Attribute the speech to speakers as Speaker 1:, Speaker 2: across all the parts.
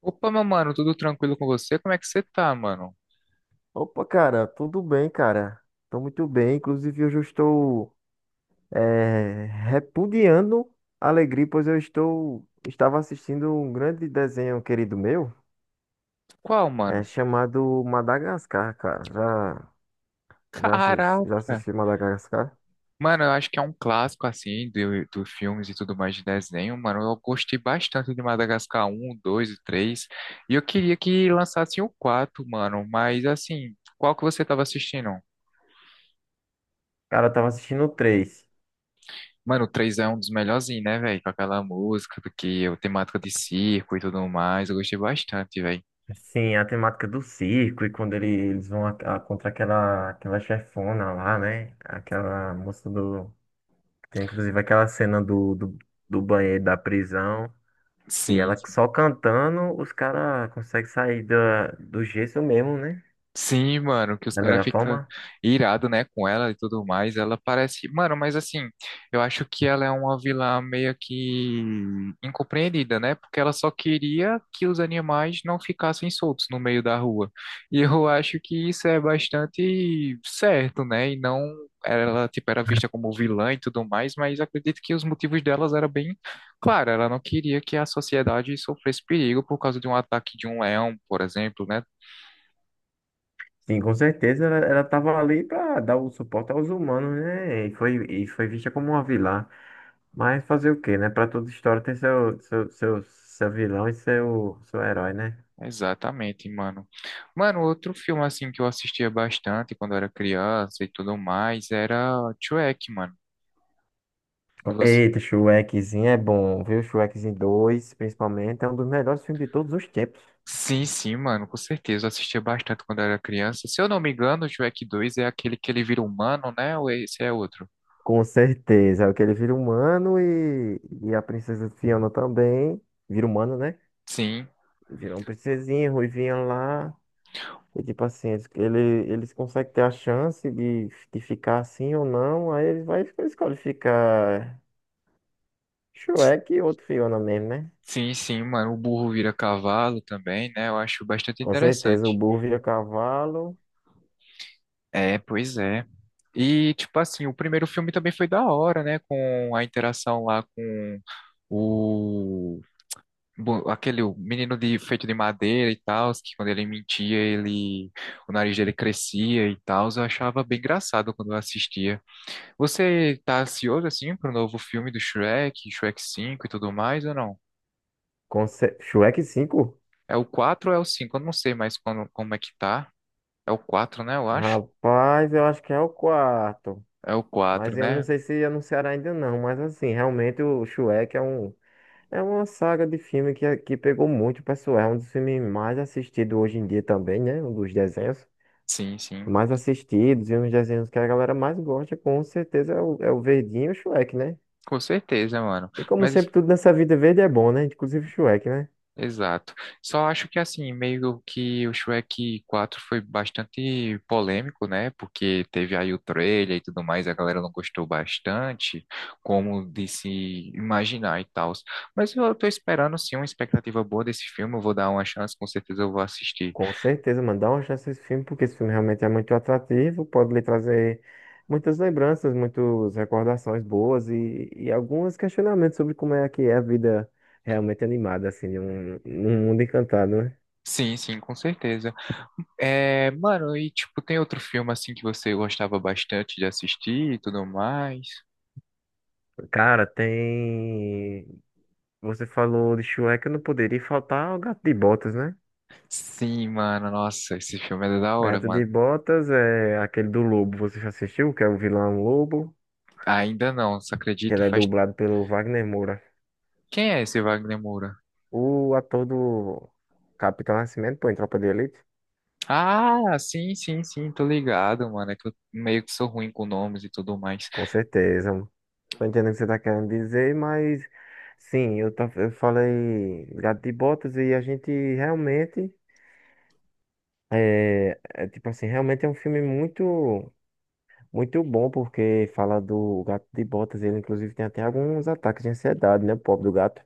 Speaker 1: Opa, meu mano, tudo tranquilo com você? Como é que você tá, mano?
Speaker 2: Opa, cara, tudo bem, cara? Tô muito bem. Inclusive, hoje eu estou repudiando a alegria, pois eu estou estava assistindo um grande desenho querido meu,
Speaker 1: Qual,
Speaker 2: é
Speaker 1: mano?
Speaker 2: chamado Madagascar, cara. Já
Speaker 1: Caraca!
Speaker 2: assisti Madagascar?
Speaker 1: Mano, eu acho que é um clássico, assim, dos filmes e tudo mais de desenho, mano. Eu gostei bastante de Madagascar um, 2 e três. E eu queria que lançassem o 4, mano. Mas, assim, qual que você tava assistindo?
Speaker 2: Cara, eu tava assistindo o 3.
Speaker 1: Mano, o 3 é um dos melhorzinhos, né, velho? Com aquela música, porque a temática de circo e tudo mais. Eu gostei bastante, velho.
Speaker 2: Sim, a temática do circo e quando eles vão contra aquela chefona lá, né? Aquela moça do. Tem inclusive aquela cena do banheiro da prisão. Que
Speaker 1: Sim.
Speaker 2: ela só cantando, os caras conseguem sair do gesso mesmo, né?
Speaker 1: Sim, mano, que os
Speaker 2: Da
Speaker 1: caras
Speaker 2: melhor
Speaker 1: ficam
Speaker 2: forma.
Speaker 1: irados, né, com ela e tudo mais. Ela parece. Mano, mas assim, eu acho que ela é uma vilã meio que incompreendida, né? Porque ela só queria que os animais não ficassem soltos no meio da rua. E eu acho que isso é bastante certo, né? E não ela, tipo, era vista como vilã e tudo mais, mas acredito que os motivos delas eram bem claros. Ela não queria que a sociedade sofresse perigo por causa de um ataque de um leão, por exemplo, né?
Speaker 2: Sim, com certeza ela tava ali pra dar o suporte aos humanos, né? E foi vista como uma vilã. Mas fazer o quê, né? Pra toda história tem seu vilão e seu herói, né?
Speaker 1: Exatamente, mano. Mano, outro filme assim que eu assistia bastante quando eu era criança e tudo mais era Shrek, mano. E você?
Speaker 2: Eita, Shrekzinho é bom, viu? Shrekzinho dois principalmente, é um dos melhores filmes de todos os tempos.
Speaker 1: Sim, sim, mano, com certeza. Eu assistia bastante quando eu era criança. Se eu não me engano, o Shrek 2 é aquele que ele vira humano, né? Ou esse é outro?
Speaker 2: Com certeza, é o que ele vira humano e a princesa Fiona também vira humano, né?
Speaker 1: Sim,
Speaker 2: Virou um princesinha, ruivinha lá. E tipo assim, eles conseguem ter a chance de ficar assim ou não. Aí eles vai escolhe ficar Shrek e outro Fiona mesmo, né?
Speaker 1: sim, sim, mano. O burro vira cavalo também, né? Eu acho bastante
Speaker 2: Com certeza, o
Speaker 1: interessante.
Speaker 2: burro vira cavalo.
Speaker 1: É, pois é. E, tipo assim, o primeiro filme também foi da hora, né? Com a interação lá com o aquele o menino de feito de madeira e tal, que quando ele mentia, ele o nariz dele crescia e tal, eu achava bem engraçado quando eu assistia. Você tá ansioso assim pro novo filme do Shrek, Shrek 5 e tudo mais ou não?
Speaker 2: Shrek 5?
Speaker 1: É o 4 ou é o cinco? Eu não sei mais como é que tá. É o quatro, né, eu acho.
Speaker 2: Rapaz, eu acho que é o quarto.
Speaker 1: É o quatro,
Speaker 2: Mas eu não
Speaker 1: né?
Speaker 2: sei se anunciaram ainda não. Mas assim, realmente o Shrek é um. É uma saga de filme que pegou muito, pessoal. É um dos filmes mais assistidos hoje em dia também, né? Um dos desenhos
Speaker 1: Sim, sim.
Speaker 2: mais assistidos e uns desenhos que a galera mais gosta, com certeza, é é o Verdinho e o Shrek, né?
Speaker 1: Com certeza, mano.
Speaker 2: E como
Speaker 1: Mas
Speaker 2: sempre, tudo nessa vida verde é bom, né? Inclusive o Shrek, né?
Speaker 1: exato. Só acho que assim, meio que o Shrek 4 foi bastante polêmico, né? Porque teve aí o trailer e tudo mais, a galera não gostou bastante, como de se imaginar e tal. Mas eu tô esperando sim uma expectativa boa desse filme, eu vou dar uma chance, com certeza eu vou assistir.
Speaker 2: Com certeza, mano, dá uma chance a esse filme, porque esse filme realmente é muito atrativo, pode lhe trazer muitas lembranças, muitas recordações boas e alguns questionamentos sobre como é que é a vida realmente animada, assim, num mundo encantado, né?
Speaker 1: Sim, sim, com certeza. É, mano, e tipo, tem outro filme assim que você gostava bastante de assistir e tudo mais?
Speaker 2: Cara, tem. Você falou de Shrek, eu não poderia faltar o Gato de Botas, né?
Speaker 1: Sim, mano, nossa, esse filme é da hora,
Speaker 2: Gato de
Speaker 1: mano.
Speaker 2: Botas é aquele do Lobo, você já assistiu? Que é o vilão Lobo,
Speaker 1: Ainda não, você
Speaker 2: que
Speaker 1: acredita?
Speaker 2: ele é
Speaker 1: Faz...
Speaker 2: dublado pelo Wagner Moura.
Speaker 1: Quem é esse Wagner Moura?
Speaker 2: O ator do Capitão Nascimento, pô, em Tropa de Elite?
Speaker 1: Ah, sim, sim, sim, tô ligado, mano. É que eu meio que sou ruim com nomes e tudo mais.
Speaker 2: Com certeza, mano. Tô entendendo o que você tá querendo dizer, mas sim, eu falei Gato de Botas e a gente realmente realmente é um filme muito bom porque fala do Gato de Botas, ele inclusive tem até alguns ataques de ansiedade, né, o pobre do gato.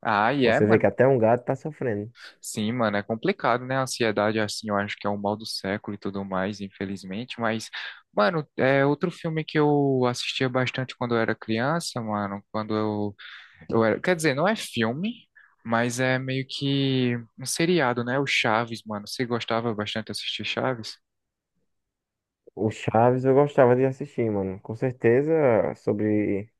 Speaker 1: Ah, e é,
Speaker 2: Você vê que
Speaker 1: mano.
Speaker 2: até um gato tá sofrendo.
Speaker 1: Sim, mano, é complicado, né? A ansiedade, assim, eu acho que é o mal do século e tudo mais, infelizmente. Mas, mano, é outro filme que eu assistia bastante quando eu era criança, mano. Quando eu era. Quer dizer, não é filme, mas é meio que um seriado, né? O Chaves, mano. Você gostava bastante de assistir Chaves?
Speaker 2: O Chaves eu gostava de assistir, mano. Com certeza sobre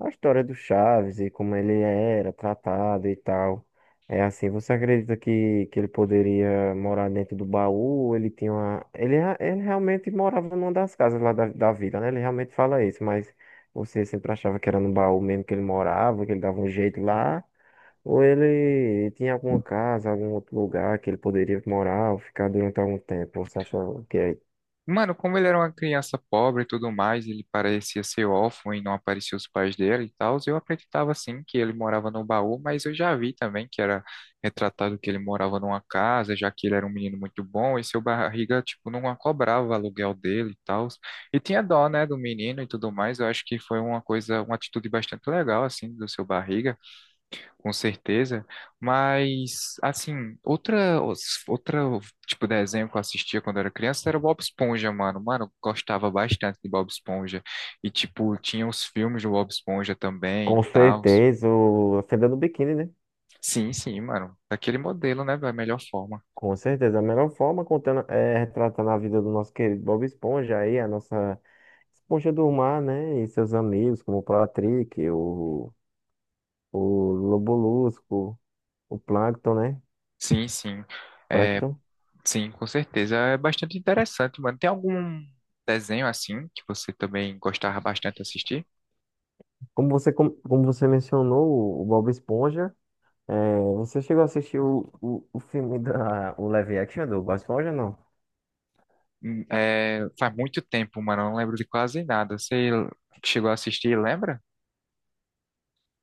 Speaker 2: a história do Chaves e como ele era tratado e tal. É assim, você acredita que ele poderia morar dentro do baú? Ele tinha uma... ele, ele realmente morava numa das casas lá da vila, né? Ele realmente fala isso, mas você sempre achava que era no baú mesmo que ele morava, que ele dava um jeito lá? Ou ele tinha alguma casa, algum outro lugar que ele poderia morar ou ficar durante algum tempo? Você achava que é
Speaker 1: Mano, como ele era uma criança pobre e tudo mais, ele parecia ser órfão e não apareciam os pais dele e tal, eu acreditava sim que ele morava no baú, mas eu já vi também que era retratado que ele morava numa casa, já que ele era um menino muito bom e seu barriga, tipo, não cobrava o aluguel dele e tal. E tinha dó, né, do menino e tudo mais, eu acho que foi uma coisa, uma atitude bastante legal, assim, do seu barriga. Com certeza, mas assim, outra, outra tipo de desenho que eu assistia quando era criança era Bob Esponja, mano. Mano, eu gostava bastante de Bob Esponja e tipo, tinha os filmes do Bob Esponja também e
Speaker 2: com
Speaker 1: tal.
Speaker 2: certeza, o a Fenda do Biquíni, né?
Speaker 1: Sim, sim, mano. Daquele modelo, né, da melhor forma.
Speaker 2: Com certeza, a melhor forma contando, é retratando a vida do nosso querido Bob Esponja aí, a nossa Esponja do Mar, né? E seus amigos, como o Patrick, o Lobolusco, o Plankton, né?
Speaker 1: Sim, sim.
Speaker 2: Plankton.
Speaker 1: Sim, com certeza. É bastante interessante, mano. Tem algum desenho assim que você também gostava bastante de assistir?
Speaker 2: Como como você mencionou, o Bob Esponja, é, você chegou a assistir o filme da, o live action do Bob Esponja, não?
Speaker 1: É, faz muito tempo, mano. Eu não lembro de quase nada. Você chegou a assistir, lembra?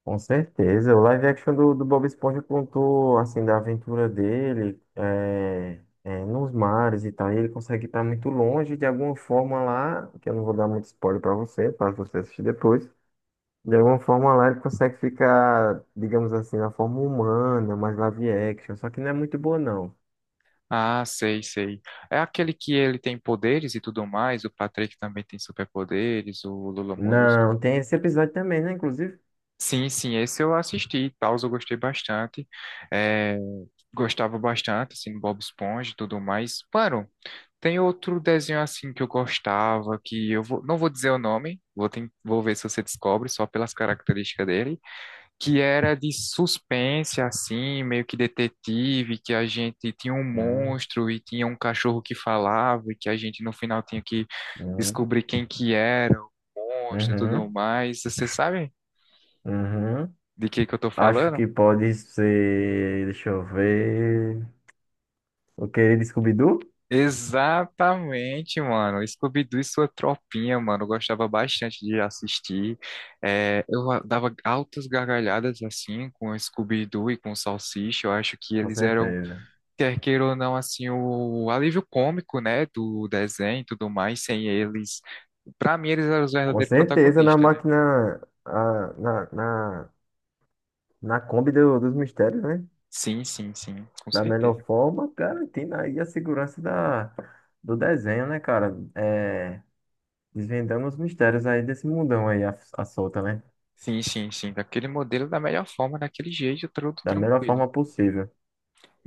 Speaker 2: Com certeza. O live action do Bob Esponja contou, assim, da aventura dele nos mares e tal. E ele consegue estar muito longe de alguma forma lá, que eu não vou dar muito spoiler pra você, para você assistir depois. De alguma forma lá ele consegue ficar, digamos assim, na forma humana, mais live action. Só que não é muito boa, não.
Speaker 1: Ah, sei, sei. É aquele que ele tem poderes e tudo mais, o Patrick também tem superpoderes, o Lula Molusco.
Speaker 2: Não, tem esse episódio também, né, inclusive?
Speaker 1: Sim, sim, esse eu assisti e tal, eu gostei bastante. É, gostava bastante, assim, do Bob Esponja e tudo mais. Mano, tem outro desenho assim que eu gostava, que eu vou, não vou dizer o nome, vou, vou ver se você descobre só pelas características dele, que era de suspense, assim, meio que detetive, que a gente tinha um
Speaker 2: Hum,
Speaker 1: monstro e tinha um cachorro que falava e que a gente no final tinha que
Speaker 2: hum.
Speaker 1: descobrir quem que era o monstro e tudo
Speaker 2: Uhum,
Speaker 1: mais. Você sabe
Speaker 2: uhum.
Speaker 1: de que eu tô
Speaker 2: Acho
Speaker 1: falando?
Speaker 2: que pode ser. Deixa eu ver. O querido Scooby-Doo?
Speaker 1: Exatamente, mano. Scooby-Doo e sua tropinha, mano. Eu gostava bastante de assistir. É, dava altas gargalhadas assim com o Scooby-Doo e com o Salsicha. Eu acho que
Speaker 2: Com
Speaker 1: eles eram,
Speaker 2: certeza.
Speaker 1: quer queira ou não, assim, o alívio cômico, né, do desenho e tudo mais, sem eles, pra mim eles eram os
Speaker 2: Com
Speaker 1: verdadeiros
Speaker 2: certeza na
Speaker 1: protagonistas, né?
Speaker 2: máquina, na, na Kombi dos mistérios, né?
Speaker 1: Sim, sim, sim, com
Speaker 2: Da melhor
Speaker 1: certeza.
Speaker 2: forma, garantindo aí a segurança da, do desenho, né, cara? É, desvendando os mistérios aí desse mundão aí, a solta, né?
Speaker 1: Sim, sim, sim, daquele modelo, da melhor forma, daquele jeito, tudo
Speaker 2: Da melhor
Speaker 1: tranquilo.
Speaker 2: forma possível.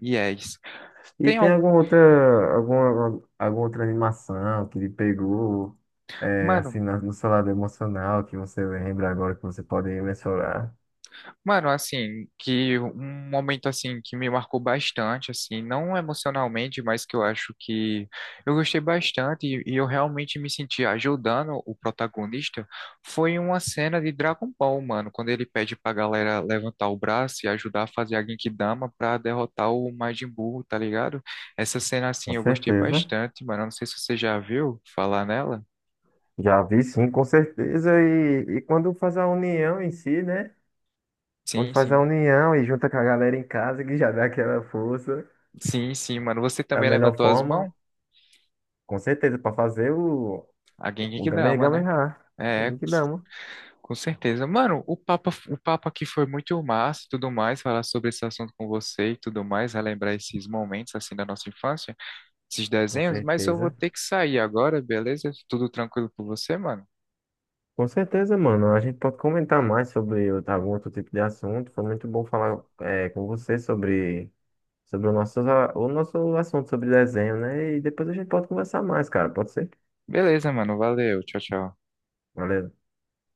Speaker 1: E é isso.
Speaker 2: E
Speaker 1: Tem
Speaker 2: tem
Speaker 1: algum...
Speaker 2: alguma outra, alguma outra animação que ele pegou, é,
Speaker 1: Mano,
Speaker 2: assim, no seu lado emocional, que você lembra agora, que você pode mencionar?
Speaker 1: Mano, assim, que um momento assim que me marcou bastante, assim, não emocionalmente, mas que eu acho que eu gostei bastante e eu realmente me senti ajudando o protagonista, foi uma cena de Dragon Ball, mano, quando ele pede pra galera levantar o braço e ajudar a fazer a Genkidama pra derrotar o Majin Buu, tá ligado? Essa cena,
Speaker 2: Com
Speaker 1: assim, eu gostei
Speaker 2: certeza.
Speaker 1: bastante, mano, eu não sei se você já viu falar nela.
Speaker 2: Já vi sim, com certeza. E quando faz a união em si, né? Quando
Speaker 1: Sim,
Speaker 2: faz a
Speaker 1: sim.
Speaker 2: união e junta com a galera em casa, que já dá aquela força
Speaker 1: Sim, sim, mano, você
Speaker 2: da
Speaker 1: também
Speaker 2: melhor
Speaker 1: levantou as
Speaker 2: forma,
Speaker 1: mãos?
Speaker 2: com certeza, para fazer
Speaker 1: A
Speaker 2: o
Speaker 1: Genkidama, né?
Speaker 2: Gamergamerra.
Speaker 1: É,
Speaker 2: Tem que dar, mano.
Speaker 1: com certeza. Mano, o papo aqui foi muito massa e tudo mais, falar sobre esse assunto com você e tudo mais, relembrar esses momentos assim da nossa infância, esses
Speaker 2: Com
Speaker 1: desenhos, mas eu vou
Speaker 2: certeza.
Speaker 1: ter que sair agora, beleza? Tudo tranquilo com você, mano?
Speaker 2: Com certeza, mano. A gente pode comentar mais sobre outro- algum outro tipo de assunto. Foi muito bom falar é, com você sobre, sobre o nosso assunto sobre desenho, né? E depois a gente pode conversar mais, cara. Pode ser?
Speaker 1: Beleza, mano. Valeu. Tchau, tchau.
Speaker 2: Valeu.